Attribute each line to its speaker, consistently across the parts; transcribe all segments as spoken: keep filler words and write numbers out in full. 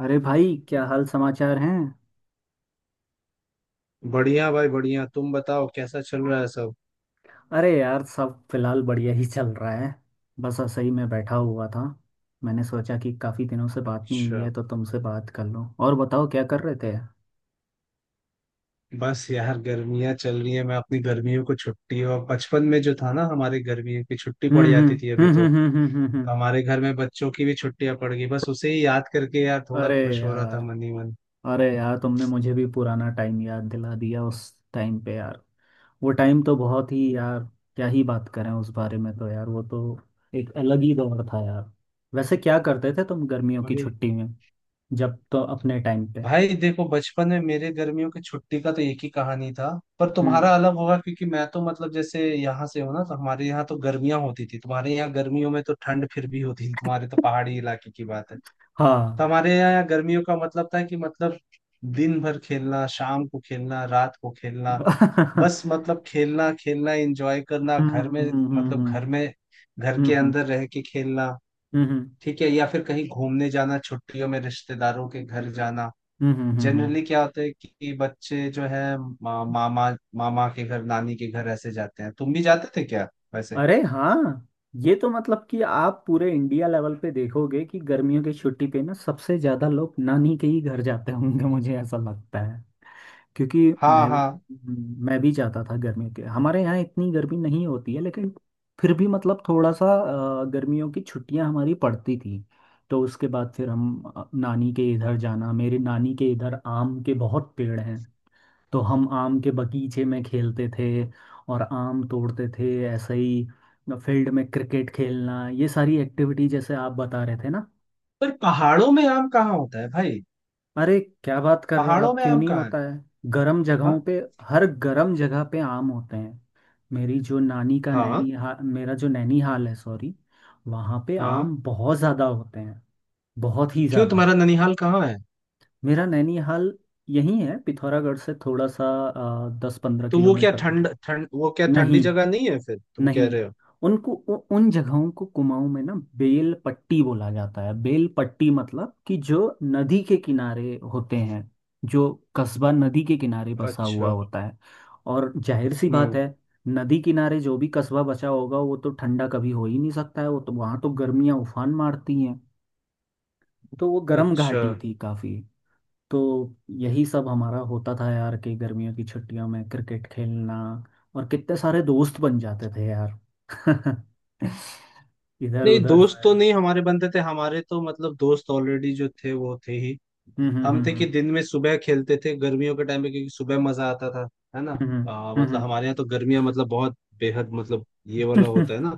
Speaker 1: अरे भाई क्या हाल समाचार हैं।
Speaker 2: बढ़िया भाई बढ़िया। तुम बताओ कैसा चल रहा है सब?
Speaker 1: अरे यार सब फिलहाल बढ़िया ही चल रहा है। बस ऐसे ही मैं बैठा हुआ था। मैंने सोचा कि काफ़ी दिनों से बात नहीं हुई
Speaker 2: अच्छा।
Speaker 1: है तो तुमसे बात कर लूं, और बताओ क्या कर रहे थे।
Speaker 2: बस यार गर्मियां चल रही है, मैं अपनी गर्मियों को छुट्टी और बचपन में जो था ना हमारे गर्मियों की छुट्टी
Speaker 1: हम्म
Speaker 2: पड़ जाती
Speaker 1: हम्म
Speaker 2: थी अभी
Speaker 1: हम्म
Speaker 2: तो
Speaker 1: हम्म हम्म हम्म हम्म, हम्म।
Speaker 2: हमारे घर में बच्चों की भी छुट्टियां पड़ गई, बस उसे ही याद करके यार थोड़ा
Speaker 1: अरे
Speaker 2: खुश हो रहा था
Speaker 1: यार।
Speaker 2: मन ही मन।
Speaker 1: अरे यार, तुमने मुझे भी पुराना टाइम याद दिला दिया उस टाइम पे यार। वो टाइम तो बहुत ही यार, क्या ही बात करें उस बारे में। तो यार वो तो एक अलग ही दौर था यार। वैसे क्या करते थे तुम गर्मियों की
Speaker 2: वही।
Speaker 1: छुट्टी में, जब तो अपने टाइम पे।
Speaker 2: भाई देखो बचपन में मेरे गर्मियों की छुट्टी का तो एक ही कहानी था, पर
Speaker 1: हम्म।
Speaker 2: तुम्हारा अलग होगा क्योंकि मैं तो मतलब जैसे यहाँ से हूँ ना तो हमारे यहाँ तो गर्मियां होती थी, तुम्हारे यहाँ गर्मियों में तो ठंड फिर भी होती थी, तुम्हारे तो पहाड़ी इलाके की बात है। तो
Speaker 1: हाँ।
Speaker 2: हमारे यहाँ गर्मियों का मतलब था कि मतलब दिन भर खेलना शाम को खेलना रात को खेलना।
Speaker 1: हम्म
Speaker 2: बस मतलब खेलना खेलना एंजॉय करना घर
Speaker 1: हम्म
Speaker 2: में। मतलब
Speaker 1: हम्म
Speaker 2: घर में घर के
Speaker 1: हम्म
Speaker 2: अंदर रह के खेलना।
Speaker 1: हम्म हम्म हम्म, हम्म।
Speaker 2: ठीक है, या फिर कहीं घूमने जाना छुट्टियों में रिश्तेदारों के घर जाना।
Speaker 1: हम्म, हम्म, हम्म।
Speaker 2: जनरली क्या होता है कि बच्चे जो है मा, मामा मामा के घर नानी के घर ऐसे जाते हैं, तुम भी जाते थे क्या वैसे?
Speaker 1: अरे हाँ, ये तो मतलब कि आप पूरे इंडिया लेवल पे देखोगे कि गर्मियों की छुट्टी पे ना सबसे ज्यादा लोग नानी के ही घर जाते होंगे, मुझे ऐसा लगता। क्योंकि
Speaker 2: हाँ
Speaker 1: मैं
Speaker 2: हाँ।
Speaker 1: मैं भी जाता था गर्मी के, हमारे यहाँ इतनी गर्मी नहीं होती है, लेकिन फिर भी मतलब थोड़ा सा अ, गर्मियों की छुट्टियां हमारी पड़ती थी। तो उसके बाद फिर हम अ, नानी के इधर जाना। मेरे नानी के इधर आम के बहुत पेड़ हैं, तो हम आम के बगीचे में खेलते थे और आम तोड़ते थे, ऐसे ही फील्ड में क्रिकेट खेलना, ये सारी एक्टिविटी, जैसे आप बता रहे थे ना।
Speaker 2: पर पहाड़ों में आम कहाँ होता है भाई?
Speaker 1: अरे क्या बात कर रहे हो
Speaker 2: पहाड़ों
Speaker 1: आप,
Speaker 2: में
Speaker 1: क्यों
Speaker 2: आम
Speaker 1: नहीं
Speaker 2: कहाँ है?
Speaker 1: होता है। गर्म जगहों पे, हर गर्म जगह पे आम होते हैं। मेरी जो नानी का
Speaker 2: हाँ हाँ
Speaker 1: नैनी हा, मेरा जो नैनीहाल है, सॉरी। वहाँ पे
Speaker 2: हाँ।
Speaker 1: आम बहुत ज़्यादा होते हैं, बहुत ही
Speaker 2: क्यों
Speaker 1: ज़्यादा।
Speaker 2: तुम्हारा ननिहाल कहाँ है?
Speaker 1: मेरा नैनीहाल यहीं है, पिथौरागढ़ से थोड़ा सा दस पंद्रह
Speaker 2: तो वो क्या
Speaker 1: किलोमीटर का दूर।
Speaker 2: ठंड ठंड वो क्या ठंडी
Speaker 1: नहीं।
Speaker 2: जगह नहीं है फिर तुम कह
Speaker 1: नहीं।
Speaker 2: रहे हो?
Speaker 1: उनको उ, उन जगहों को कुमाऊं में ना बेल पट्टी बोला जाता है। बेल पट्टी मतलब कि जो नदी के किनारे होते हैं, जो कस्बा नदी के किनारे बसा हुआ
Speaker 2: अच्छा।
Speaker 1: होता है। और जाहिर सी बात
Speaker 2: हम्म।
Speaker 1: है, नदी किनारे जो भी कस्बा बचा होगा वो तो ठंडा कभी हो ही नहीं सकता है, वो तो वहां तो गर्मियां उफान मारती हैं। तो वो गर्म
Speaker 2: अच्छा।
Speaker 1: घाटी थी काफी। तो यही सब हमारा होता था यार, कि गर्मियों की छुट्टियों में क्रिकेट खेलना। और कितने सारे दोस्त बन जाते थे यार इधर
Speaker 2: नहीं
Speaker 1: उधर
Speaker 2: दोस्त
Speaker 1: से।
Speaker 2: तो नहीं हमारे बनते थे, हमारे तो मतलब दोस्त ऑलरेडी जो थे वो थे ही।
Speaker 1: हम्म हम्म
Speaker 2: हम थे कि
Speaker 1: हम्म
Speaker 2: दिन में सुबह खेलते थे गर्मियों के टाइम पे क्योंकि सुबह मजा आता था, है ना?
Speaker 1: हम्म
Speaker 2: आ, मतलब
Speaker 1: हम्म
Speaker 2: हमारे यहाँ तो गर्मियाँ मतलब बहुत बेहद मतलब ये वाला होता है ना।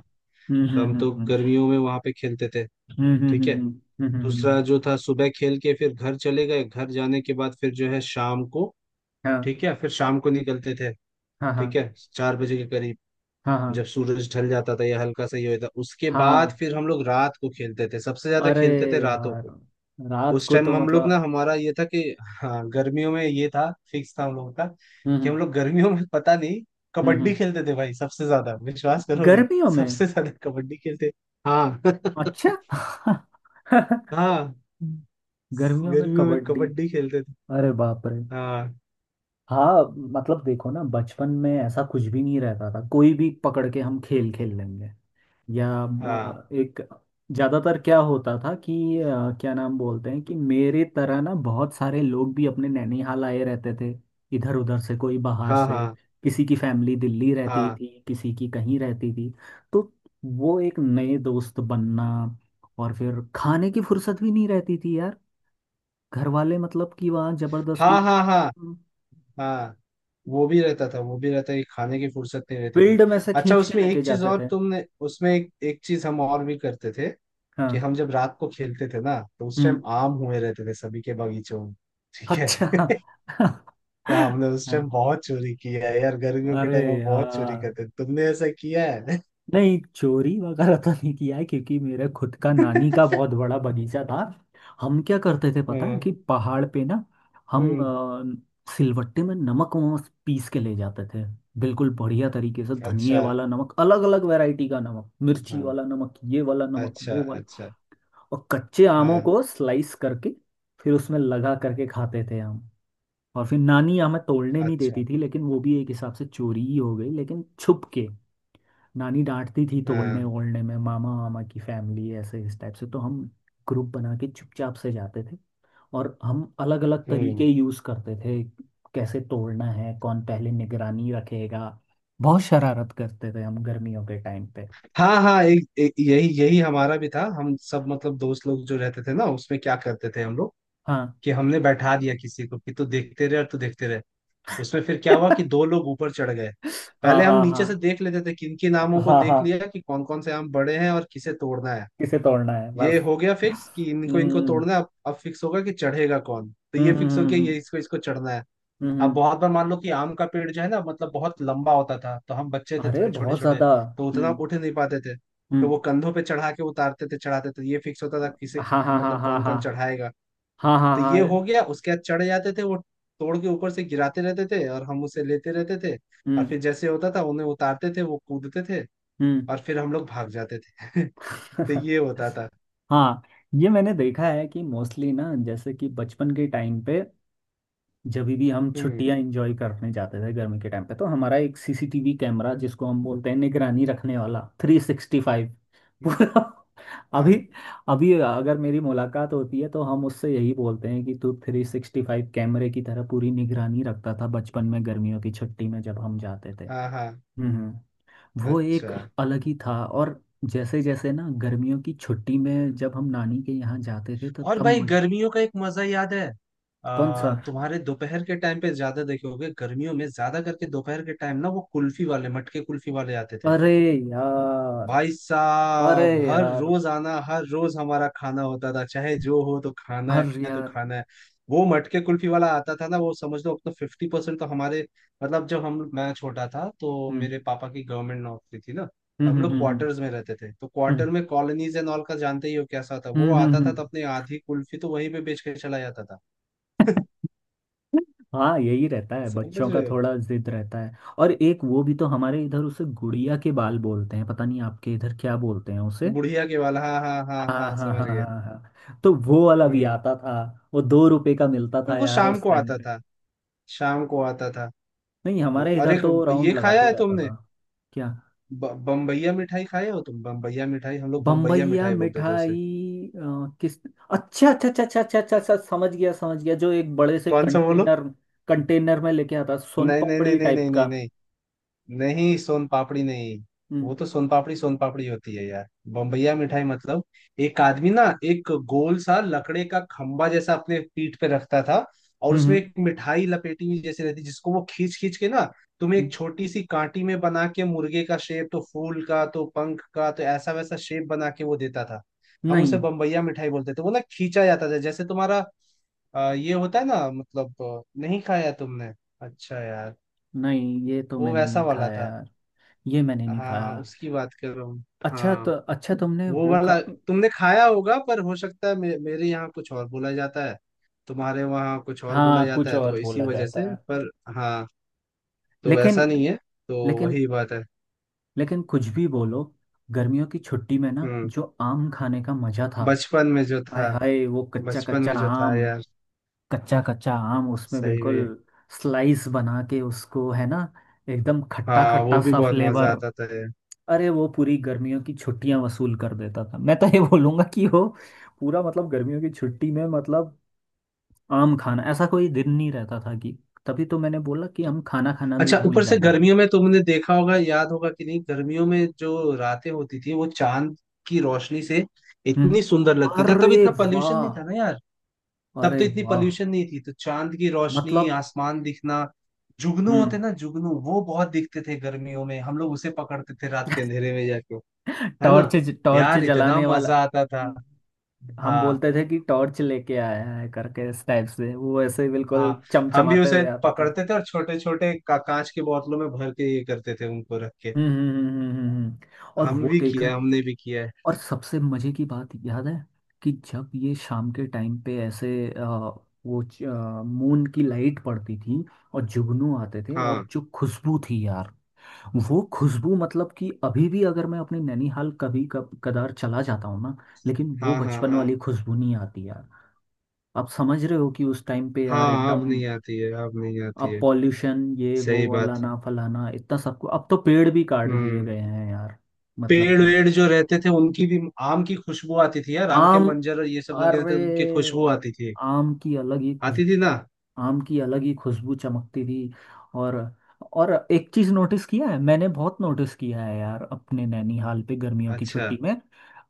Speaker 1: हम्म
Speaker 2: तो हम तो
Speaker 1: हम्म
Speaker 2: गर्मियों में वहां पे खेलते थे।
Speaker 1: हम्म हम्म
Speaker 2: ठीक
Speaker 1: हम्म
Speaker 2: है।
Speaker 1: हम्म हम्म हम्म हम्म, हम्म, हम्म, हम्म,
Speaker 2: दूसरा
Speaker 1: हम्म।
Speaker 2: जो था सुबह खेल के फिर घर चले गए, घर जाने के बाद फिर जो है शाम को।
Speaker 1: हाँ
Speaker 2: ठीक है, फिर शाम को निकलते थे।
Speaker 1: हाँ हाँ
Speaker 2: ठीक है, चार बजे के करीब।
Speaker 1: हाँ हाँ
Speaker 2: जब सूरज ढल जाता था या हल्का सा ये होता उसके बाद
Speaker 1: हाँ।
Speaker 2: फिर हम लोग रात को खेलते थे, सबसे ज्यादा
Speaker 1: अरे
Speaker 2: खेलते थे रातों
Speaker 1: यार,
Speaker 2: को।
Speaker 1: रात
Speaker 2: उस
Speaker 1: को
Speaker 2: टाइम
Speaker 1: तो
Speaker 2: हम लोग ना
Speaker 1: मतलब।
Speaker 2: हमारा ये था कि हाँ गर्मियों में ये था, फिक्स था हम लोगों का
Speaker 1: हम्म
Speaker 2: कि
Speaker 1: हम्म
Speaker 2: हम लोग गर्मियों में पता नहीं
Speaker 1: हम्म
Speaker 2: कबड्डी
Speaker 1: हम्म,
Speaker 2: खेलते थे भाई, सबसे ज्यादा, विश्वास करोगे।
Speaker 1: गर्मियों में।
Speaker 2: सबसे ज्यादा कबड्डी खेलते। हाँ
Speaker 1: अच्छा।
Speaker 2: हाँ
Speaker 1: गर्मियों में
Speaker 2: गर्मियों में
Speaker 1: कबड्डी।
Speaker 2: कबड्डी खेलते थे।
Speaker 1: अरे बाप रे।
Speaker 2: हाँ
Speaker 1: हाँ। मतलब देखो ना, बचपन में ऐसा कुछ भी नहीं रहता था, कोई भी पकड़ के हम खेल खेल लेंगे। या
Speaker 2: हाँ
Speaker 1: अ, एक ज्यादातर क्या होता था कि अ, क्या नाम बोलते हैं, कि मेरे तरह ना बहुत सारे लोग भी अपने नैनीहाल आए रहते थे, इधर उधर से, कोई बाहर
Speaker 2: हाँ
Speaker 1: से।
Speaker 2: हाँ
Speaker 1: किसी की फैमिली दिल्ली रहती
Speaker 2: हाँ
Speaker 1: थी, किसी की कहीं रहती थी। तो वो एक नए दोस्त बनना। और फिर खाने की फुर्सत भी नहीं रहती थी यार, घर वाले मतलब कि वहाँ
Speaker 2: हाँ
Speaker 1: जबरदस्ती
Speaker 2: हाँ हाँ हाँ। वो भी रहता था, वो भी रहता है कि खाने की फुर्सत नहीं रहती थी।
Speaker 1: फील्ड में से
Speaker 2: अच्छा
Speaker 1: खींच के
Speaker 2: उसमें
Speaker 1: लेके
Speaker 2: एक चीज
Speaker 1: जाते
Speaker 2: और,
Speaker 1: थे।
Speaker 2: तुमने उसमें एक, एक चीज हम और भी करते थे कि
Speaker 1: हाँ।
Speaker 2: हम जब रात को खेलते थे ना तो उस टाइम
Speaker 1: हम्म।
Speaker 2: आम हुए रहते थे सभी के बगीचों में। ठीक
Speaker 1: अच्छा।
Speaker 2: है। तो
Speaker 1: हाँ,
Speaker 2: हमने उस टाइम बहुत चोरी किया है यार, गर्मियों के
Speaker 1: अरे
Speaker 2: टाइम हम बहुत चोरी
Speaker 1: यार,
Speaker 2: करते थे, तुमने ऐसा किया है?
Speaker 1: नहीं चोरी वगैरह तो नहीं किया है, क्योंकि मेरे खुद का नानी का बहुत बड़ा बगीचा था। हम क्या करते थे पता है,
Speaker 2: हम्म
Speaker 1: कि पहाड़ पे ना हम
Speaker 2: हम्म,
Speaker 1: अ, सिलवट्टे में नमक वमक पीस के ले जाते थे। बिल्कुल बढ़िया तरीके से, धनिए
Speaker 2: अच्छा,
Speaker 1: वाला नमक, अलग अलग वैरायटी का नमक, मिर्ची
Speaker 2: हाँ,
Speaker 1: वाला नमक, ये वाला नमक,
Speaker 2: अच्छा
Speaker 1: वो वाला।
Speaker 2: अच्छा,
Speaker 1: और कच्चे आमों
Speaker 2: हाँ,
Speaker 1: को स्लाइस करके फिर उसमें लगा करके खाते थे हम। और फिर नानी हमें तोड़ने नहीं
Speaker 2: अच्छा,
Speaker 1: देती थी, लेकिन वो भी एक हिसाब से चोरी ही हो गई, लेकिन छुप के। नानी डांटती थी तोड़ने
Speaker 2: हाँ,
Speaker 1: ओड़ने में, मामा, मामा की फैमिली ऐसे इस टाइप से, तो हम ग्रुप बना के चुपचाप से जाते थे। और हम अलग अलग तरीके
Speaker 2: हम्म।
Speaker 1: यूज करते थे, कैसे तोड़ना है, कौन पहले निगरानी रखेगा। बहुत शरारत करते थे हम गर्मियों के टाइम पे।
Speaker 2: हाँ हाँ, एक, एक, यही यही हमारा भी था। हम सब मतलब दोस्त लोग जो रहते थे ना, उसमें क्या करते थे हम लोग
Speaker 1: हाँ।
Speaker 2: कि हमने बैठा दिया किसी को कि तू देखते रहे और तू देखते रहे। उसमें फिर क्या हुआ कि दो लोग ऊपर चढ़ गए।
Speaker 1: हाँ
Speaker 2: पहले हम
Speaker 1: हाँ हाँ
Speaker 2: नीचे से देख लेते थे किन किन आमों को,
Speaker 1: हाँ
Speaker 2: देख
Speaker 1: हाँ,
Speaker 2: लिया कि कौन कौन से आम बड़े हैं और किसे तोड़ना है।
Speaker 1: किसे तोड़ना है
Speaker 2: ये
Speaker 1: बस।
Speaker 2: हो गया फिक्स कि इनको इनको
Speaker 1: हम्म
Speaker 2: तोड़ना है, अब अब फिक्स होगा कि चढ़ेगा कौन, तो
Speaker 1: हम्म
Speaker 2: ये
Speaker 1: हम्म
Speaker 2: फिक्स हो
Speaker 1: हम्म,
Speaker 2: गया
Speaker 1: हम्म,
Speaker 2: ये इसको इसको चढ़ना है।
Speaker 1: हम्म, हम्म,
Speaker 2: अब
Speaker 1: हम्म।
Speaker 2: बहुत बार मान लो कि आम का पेड़ जो है ना मतलब बहुत लंबा होता था, तो हम बच्चे थे
Speaker 1: अरे
Speaker 2: थोड़े छोटे
Speaker 1: बहुत
Speaker 2: छोटे
Speaker 1: ज्यादा।
Speaker 2: तो उतना
Speaker 1: हम्म
Speaker 2: उठ नहीं पाते थे, तो
Speaker 1: हम्म।
Speaker 2: वो कंधों पे चढ़ा के उतारते थे चढ़ाते थे, ये फिक्स होता था किसे,
Speaker 1: हाँ हाँ हाँ
Speaker 2: मतलब
Speaker 1: हाँ
Speaker 2: कौन कौन
Speaker 1: हाँ
Speaker 2: चढ़ाएगा।
Speaker 1: हाँ हाँ
Speaker 2: तो ये
Speaker 1: हाँ।
Speaker 2: हो गया, उसके बाद चढ़ जाते थे वो, तोड़ के ऊपर से गिराते रहते थे और हम उसे लेते रहते थे। और
Speaker 1: हम्म
Speaker 2: फिर जैसे होता था उन्हें उतारते थे, वो कूदते थे,
Speaker 1: हम्म।
Speaker 2: और फिर हम लोग भाग जाते थे तो ये होता था।
Speaker 1: हाँ, ये मैंने देखा है कि मोस्टली ना, जैसे कि बचपन के टाइम पे जब भी हम
Speaker 2: हम्म,
Speaker 1: छुट्टियां एंजॉय करने जाते थे गर्मी के टाइम पे, तो हमारा एक सी सी टी वी कैमरा, जिसको हम बोलते हैं निगरानी रखने वाला थ्री सिक्सटी फाइव पूरा। अभी,
Speaker 2: हाँ
Speaker 1: अभी अगर मेरी मुलाकात होती है तो हम उससे यही बोलते हैं कि तू थ्री सिक्सटी फाइव कैमरे की तरह पूरी निगरानी रखता था बचपन में, गर्मियों की छुट्टी में जब हम जाते थे।
Speaker 2: हाँ हाँ।
Speaker 1: हम्म। वो एक
Speaker 2: अच्छा
Speaker 1: अलग ही था। और जैसे जैसे ना गर्मियों की छुट्टी में जब हम नानी के यहाँ जाते थे तो
Speaker 2: और
Speaker 1: तब
Speaker 2: भाई
Speaker 1: म-
Speaker 2: गर्मियों का एक मजा याद है,
Speaker 1: कौन सा?
Speaker 2: आ, तुम्हारे दोपहर के टाइम पे ज्यादा देखे होगे गर्मियों में, ज्यादा करके दोपहर के टाइम ना वो कुल्फी वाले मटके कुल्फी वाले आते थे।
Speaker 1: अरे यार।
Speaker 2: भाई
Speaker 1: अरे
Speaker 2: साहब हर
Speaker 1: यार,
Speaker 2: रोज आना, हर रोज हमारा खाना होता था, चाहे जो हो तो खाना
Speaker 1: हर
Speaker 2: है तो
Speaker 1: यार।
Speaker 2: खाना है। वो मटके कुल्फी वाला आता था ना, वो समझ लो अपना फिफ्टी परसेंट तो हमारे मतलब जब हम मैं छोटा था, तो
Speaker 1: हम्म
Speaker 2: मेरे पापा की गवर्नमेंट नौकरी थी ना
Speaker 1: हम्म
Speaker 2: तो हम
Speaker 1: हम्म
Speaker 2: लोग
Speaker 1: हम्म
Speaker 2: क्वार्टर्स में रहते थे, तो
Speaker 1: हम्म
Speaker 2: क्वार्टर में कॉलोनीज एंड ऑल का जानते ही हो कैसा था, वो
Speaker 1: हम्म हम्म, हम्म।
Speaker 2: आता था तो
Speaker 1: हम्म।
Speaker 2: अपने आधी कुल्फी तो वहीं पे बेच के चला जाता था।
Speaker 1: हाँ, यही रहता है
Speaker 2: समझ
Speaker 1: बच्चों का,
Speaker 2: रहे हो?
Speaker 1: थोड़ा जिद रहता है। और एक वो भी तो, हमारे इधर उसे गुड़िया के बाल बोलते हैं, पता नहीं आपके इधर क्या बोलते हैं उसे।
Speaker 2: बुढ़िया के वाला, हाँ हाँ हाँ
Speaker 1: हाँ
Speaker 2: हाँ
Speaker 1: हाँ
Speaker 2: समझ
Speaker 1: हाँ
Speaker 2: गया।
Speaker 1: हाँ हाँ, तो वो वाला भी
Speaker 2: हम्म।
Speaker 1: आता था। वो दो रुपए का मिलता
Speaker 2: पर
Speaker 1: था
Speaker 2: वो
Speaker 1: यार
Speaker 2: शाम
Speaker 1: उस
Speaker 2: को
Speaker 1: टाइम
Speaker 2: आता
Speaker 1: पे।
Speaker 2: था, शाम को आता था
Speaker 1: नहीं,
Speaker 2: वो।
Speaker 1: हमारे
Speaker 2: अरे
Speaker 1: इधर तो
Speaker 2: ये
Speaker 1: राउंड
Speaker 2: खाया
Speaker 1: लगाते
Speaker 2: है
Speaker 1: रहता
Speaker 2: तुमने?
Speaker 1: था। क्या?
Speaker 2: ब- बम्बैया मिठाई खाए हो तुम? बम्बैया मिठाई, हम लोग बम्बैया
Speaker 1: बम्बैया
Speaker 2: मिठाई बोलते थे उसे।
Speaker 1: मिठाई अ, किस। अच्छा अच्छा अच्छा अच्छा अच्छा अच्छा अच्छा, समझ गया, समझ गया। जो एक बड़े से
Speaker 2: कौन सा बोलो?
Speaker 1: कंटेनर कंटेनर में लेके आता, सोन
Speaker 2: नहीं नहीं नहीं
Speaker 1: पापड़ी
Speaker 2: नहीं
Speaker 1: टाइप
Speaker 2: नहीं
Speaker 1: का।
Speaker 2: नहीं नहीं। नहीं सोन पापड़ी नहीं। वो
Speaker 1: हम्म
Speaker 2: तो सोन पापड़ी, सोन पापड़ी होती है यार। बम्बैया मिठाई मतलब एक आदमी ना एक गोल सा लकड़े का खंबा जैसा अपने पीठ पे रखता था, और
Speaker 1: हम्म
Speaker 2: उसमें
Speaker 1: हम्म,
Speaker 2: एक मिठाई लपेटी हुई जैसी रहती जिसको वो खींच खींच के ना तुम्हें
Speaker 1: हम्म,
Speaker 2: एक छोटी सी कांटी में बना के मुर्गे का शेप तो फूल का तो पंख का तो ऐसा वैसा शेप बना के वो देता था। हम उसे
Speaker 1: नहीं
Speaker 2: बम्बैया मिठाई बोलते थे, वो ना खींचा जाता था जैसे तुम्हारा अ, ये होता है ना मतलब, अ, नहीं खाया तुमने? अच्छा यार,
Speaker 1: नहीं, ये तो
Speaker 2: वो
Speaker 1: मैंने
Speaker 2: वैसा
Speaker 1: नहीं
Speaker 2: वाला
Speaker 1: खाया
Speaker 2: था।
Speaker 1: यार। ये मैंने नहीं खाया।
Speaker 2: हाँ उसकी बात कर रहा हूँ।
Speaker 1: अच्छा तो,
Speaker 2: हाँ
Speaker 1: अच्छा तुमने
Speaker 2: वो
Speaker 1: वो खा।
Speaker 2: वाला, तुमने खाया होगा पर हो सकता है मे, मेरे यहाँ कुछ और बोला जाता है, तुम्हारे वहाँ कुछ और बोला
Speaker 1: हाँ,
Speaker 2: जाता
Speaker 1: कुछ
Speaker 2: है
Speaker 1: और
Speaker 2: तो इसी
Speaker 1: बोला
Speaker 2: वजह
Speaker 1: जाता
Speaker 2: से,
Speaker 1: है।
Speaker 2: पर हाँ। तो
Speaker 1: लेकिन,
Speaker 2: ऐसा नहीं है। तो
Speaker 1: लेकिन
Speaker 2: वही बात है।
Speaker 1: लेकिन कुछ भी बोलो, गर्मियों की छुट्टी में ना
Speaker 2: हम्म।
Speaker 1: जो आम खाने का मजा था।
Speaker 2: बचपन में जो
Speaker 1: आय
Speaker 2: था,
Speaker 1: हाय वो कच्चा
Speaker 2: बचपन
Speaker 1: कच्चा
Speaker 2: में जो था
Speaker 1: आम,
Speaker 2: यार।
Speaker 1: कच्चा कच्चा आम, उसमें
Speaker 2: सही
Speaker 1: बिल्कुल
Speaker 2: में।
Speaker 1: स्लाइस बना के उसको, है ना, एकदम खट्टा
Speaker 2: हाँ, वो
Speaker 1: खट्टा
Speaker 2: भी
Speaker 1: सा
Speaker 2: बहुत मजा
Speaker 1: फ्लेवर।
Speaker 2: आता था यार।
Speaker 1: अरे वो पूरी गर्मियों की छुट्टियां वसूल कर देता था। मैं तो ये बोलूंगा कि वो पूरा मतलब गर्मियों की छुट्टी में मतलब आम खाना, ऐसा कोई दिन नहीं रहता था, कि तभी तो मैंने बोला कि हम खाना खाना भी
Speaker 2: अच्छा
Speaker 1: भूल
Speaker 2: ऊपर से
Speaker 1: जाते थे।
Speaker 2: गर्मियों में तुमने देखा होगा याद होगा कि नहीं, गर्मियों में जो रातें होती थी वो चांद की रोशनी से इतनी सुंदर
Speaker 1: हम्म।
Speaker 2: लगती था, तब
Speaker 1: अरे
Speaker 2: इतना पॉल्यूशन
Speaker 1: वाह।
Speaker 2: नहीं था ना यार। तब तो
Speaker 1: अरे
Speaker 2: इतनी
Speaker 1: वाह।
Speaker 2: पोल्यूशन नहीं थी, तो चांद की रोशनी,
Speaker 1: मतलब।
Speaker 2: आसमान दिखना, जुगनू
Speaker 1: हम्म।
Speaker 2: होते ना जुगनू, वो बहुत दिखते थे गर्मियों में, हम लोग उसे पकड़ते थे रात के अंधेरे में जाके, है ना?
Speaker 1: टॉर्च, टॉर्च
Speaker 2: यार इतना
Speaker 1: जलाने वाला।
Speaker 2: मजा आता था।
Speaker 1: हम्म, हम
Speaker 2: हाँ
Speaker 1: बोलते थे कि टॉर्च लेके आया है करके, इस टाइप से, वो ऐसे ही
Speaker 2: हाँ।
Speaker 1: बिल्कुल
Speaker 2: हम भी
Speaker 1: चमचमाते
Speaker 2: उसे
Speaker 1: हुए आता था।
Speaker 2: पकड़ते थे और छोटे छोटे का, कांच की बोतलों में भर के ये करते थे उनको रख के।
Speaker 1: हम्म हम्म हम्म हम्म, हम्म, हम्म। हम्म। और
Speaker 2: हम
Speaker 1: वो
Speaker 2: भी किया
Speaker 1: देखा।
Speaker 2: है, हमने भी किया है।
Speaker 1: और सबसे मजे की बात याद है कि जब ये शाम के टाइम पे ऐसे अ, वो मून की लाइट पड़ती थी और जुगनू आते थे, और
Speaker 2: हाँ
Speaker 1: जो खुशबू थी यार, वो खुशबू मतलब कि अभी भी अगर मैं अपने नैनीहाल कभी कब कदार चला जाता हूँ ना, लेकिन वो
Speaker 2: हाँ हाँ
Speaker 1: बचपन
Speaker 2: हाँ
Speaker 1: वाली खुशबू नहीं आती यार। आप समझ रहे हो कि उस टाइम पे यार
Speaker 2: हाँ। अब
Speaker 1: एकदम।
Speaker 2: नहीं आती है, अब नहीं आती
Speaker 1: अब
Speaker 2: है।
Speaker 1: पॉल्यूशन, ये वो
Speaker 2: सही बात।
Speaker 1: अलाना फलाना, इतना सब कुछ, अब तो पेड़ भी काट दिए
Speaker 2: हम्म।
Speaker 1: गए हैं यार। मतलब
Speaker 2: पेड़
Speaker 1: कि
Speaker 2: वेड़ जो रहते थे उनकी भी आम की खुशबू आती थी यार, आम के
Speaker 1: आम,
Speaker 2: मंजर और ये सब लगे
Speaker 1: अरे
Speaker 2: रहते थे, उनकी खुशबू आती थी।
Speaker 1: आम की अलग ही
Speaker 2: आती
Speaker 1: खुशबू,
Speaker 2: थी ना?
Speaker 1: आम की अलग ही खुशबू चमकती थी। और और एक चीज नोटिस किया है, मैंने बहुत नोटिस किया है यार, अपने नैनीहाल पे गर्मियों की
Speaker 2: अच्छा।
Speaker 1: छुट्टी में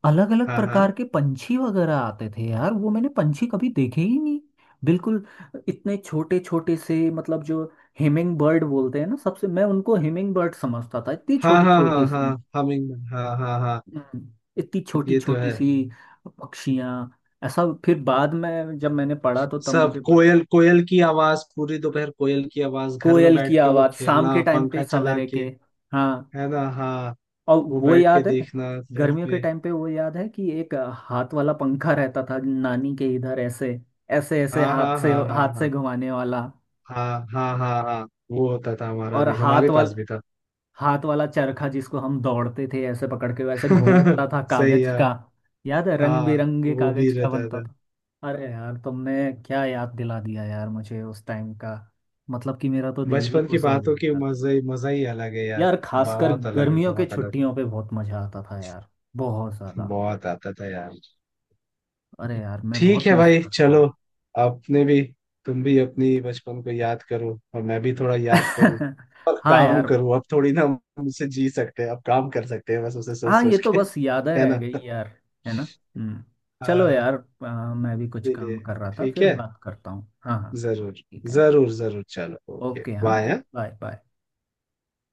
Speaker 1: अलग अलग
Speaker 2: हाँ हाँ
Speaker 1: प्रकार के पंछी वगैरह आते थे यार, वो मैंने पंछी कभी देखे ही नहीं। बिल्कुल इतने छोटे छोटे से, मतलब जो हिमिंग बर्ड बोलते हैं ना, सबसे मैं उनको हिमिंग बर्ड समझता था, इतनी
Speaker 2: हाँ
Speaker 1: छोटी
Speaker 2: हाँ
Speaker 1: छोटी
Speaker 2: हाँ हाँ,
Speaker 1: सी।
Speaker 2: हमिंग, हाँ हाँ हाँ।
Speaker 1: हम्म, इतनी छोटी
Speaker 2: ये तो
Speaker 1: छोटी
Speaker 2: है।
Speaker 1: सी पक्षियाँ। ऐसा फिर बाद में जब मैंने पढ़ा तो तब
Speaker 2: सब
Speaker 1: मुझे।
Speaker 2: कोयल कोयल की आवाज पूरी दोपहर, कोयल की आवाज, घर में
Speaker 1: कोयल की
Speaker 2: बैठ के वो
Speaker 1: आवाज शाम के
Speaker 2: खेलना
Speaker 1: टाइम पे,
Speaker 2: पंखा चला
Speaker 1: सवेरे
Speaker 2: के,
Speaker 1: के। हाँ।
Speaker 2: है ना, हाँ।
Speaker 1: और
Speaker 2: वो
Speaker 1: वो
Speaker 2: बैठ के
Speaker 1: याद है,
Speaker 2: देखना घर
Speaker 1: गर्मियों के
Speaker 2: पे।
Speaker 1: टाइम पे वो याद है कि एक हाथ वाला पंखा रहता था नानी के इधर, ऐसे ऐसे ऐसे,
Speaker 2: हाँ
Speaker 1: हाथ
Speaker 2: हाँ
Speaker 1: से
Speaker 2: हाँ हाँ
Speaker 1: हाथ से
Speaker 2: हाँ
Speaker 1: घुमाने वाला।
Speaker 2: हाँ हाँ हाँ हाँ, वो होता था हमारा
Speaker 1: और
Speaker 2: भी,
Speaker 1: हाथ
Speaker 2: हमारे
Speaker 1: वाल
Speaker 2: पास भी था।
Speaker 1: हाथ वाला चरखा जिसको हम दौड़ते थे ऐसे पकड़ के, वैसे घूमता था
Speaker 2: सही
Speaker 1: कागज
Speaker 2: है।
Speaker 1: का। याद है, रंग
Speaker 2: हाँ
Speaker 1: बिरंगे
Speaker 2: वो भी
Speaker 1: कागज का
Speaker 2: रहता
Speaker 1: बनता
Speaker 2: था।
Speaker 1: था। अरे यार, तुमने क्या याद दिला दिया यार, मुझे उस टाइम का, मतलब कि मेरा तो दिल ही
Speaker 2: बचपन की
Speaker 1: खुश हो
Speaker 2: बातों की
Speaker 1: गया।
Speaker 2: मजा ही, मजा ही अलग है यार।
Speaker 1: यार खासकर
Speaker 2: बहुत अलग है,
Speaker 1: गर्मियों के
Speaker 2: बहुत अलग।
Speaker 1: छुट्टियों पे बहुत मजा आता था यार, बहुत ज्यादा।
Speaker 2: बहुत आता था यार।
Speaker 1: अरे यार, मैं
Speaker 2: ठीक
Speaker 1: बहुत
Speaker 2: है
Speaker 1: मिस
Speaker 2: भाई
Speaker 1: करता हूँ।
Speaker 2: चलो। अपने भी, तुम भी अपनी बचपन को याद करो और मैं भी थोड़ा याद करूँ और
Speaker 1: हाँ
Speaker 2: काम
Speaker 1: यार।
Speaker 2: करूँ, अब थोड़ी ना हम उसे जी सकते हैं, अब काम कर सकते हैं बस उसे सोच
Speaker 1: हाँ, ये
Speaker 2: सोच
Speaker 1: तो
Speaker 2: के।
Speaker 1: बस यादें
Speaker 2: है
Speaker 1: रह
Speaker 2: ना?
Speaker 1: गई यार। है ना? हम्म। चलो
Speaker 2: हाँ।
Speaker 1: यार, आ, मैं भी कुछ
Speaker 2: इसीलिए
Speaker 1: काम कर रहा था,
Speaker 2: ठीक
Speaker 1: फिर
Speaker 2: है।
Speaker 1: बात करता हूँ। हाँ हाँ।
Speaker 2: जरूर
Speaker 1: ठीक है।
Speaker 2: जरूर जरूर। चलो, ओके,
Speaker 1: ओके हाँ।
Speaker 2: बाय।
Speaker 1: Bye bye.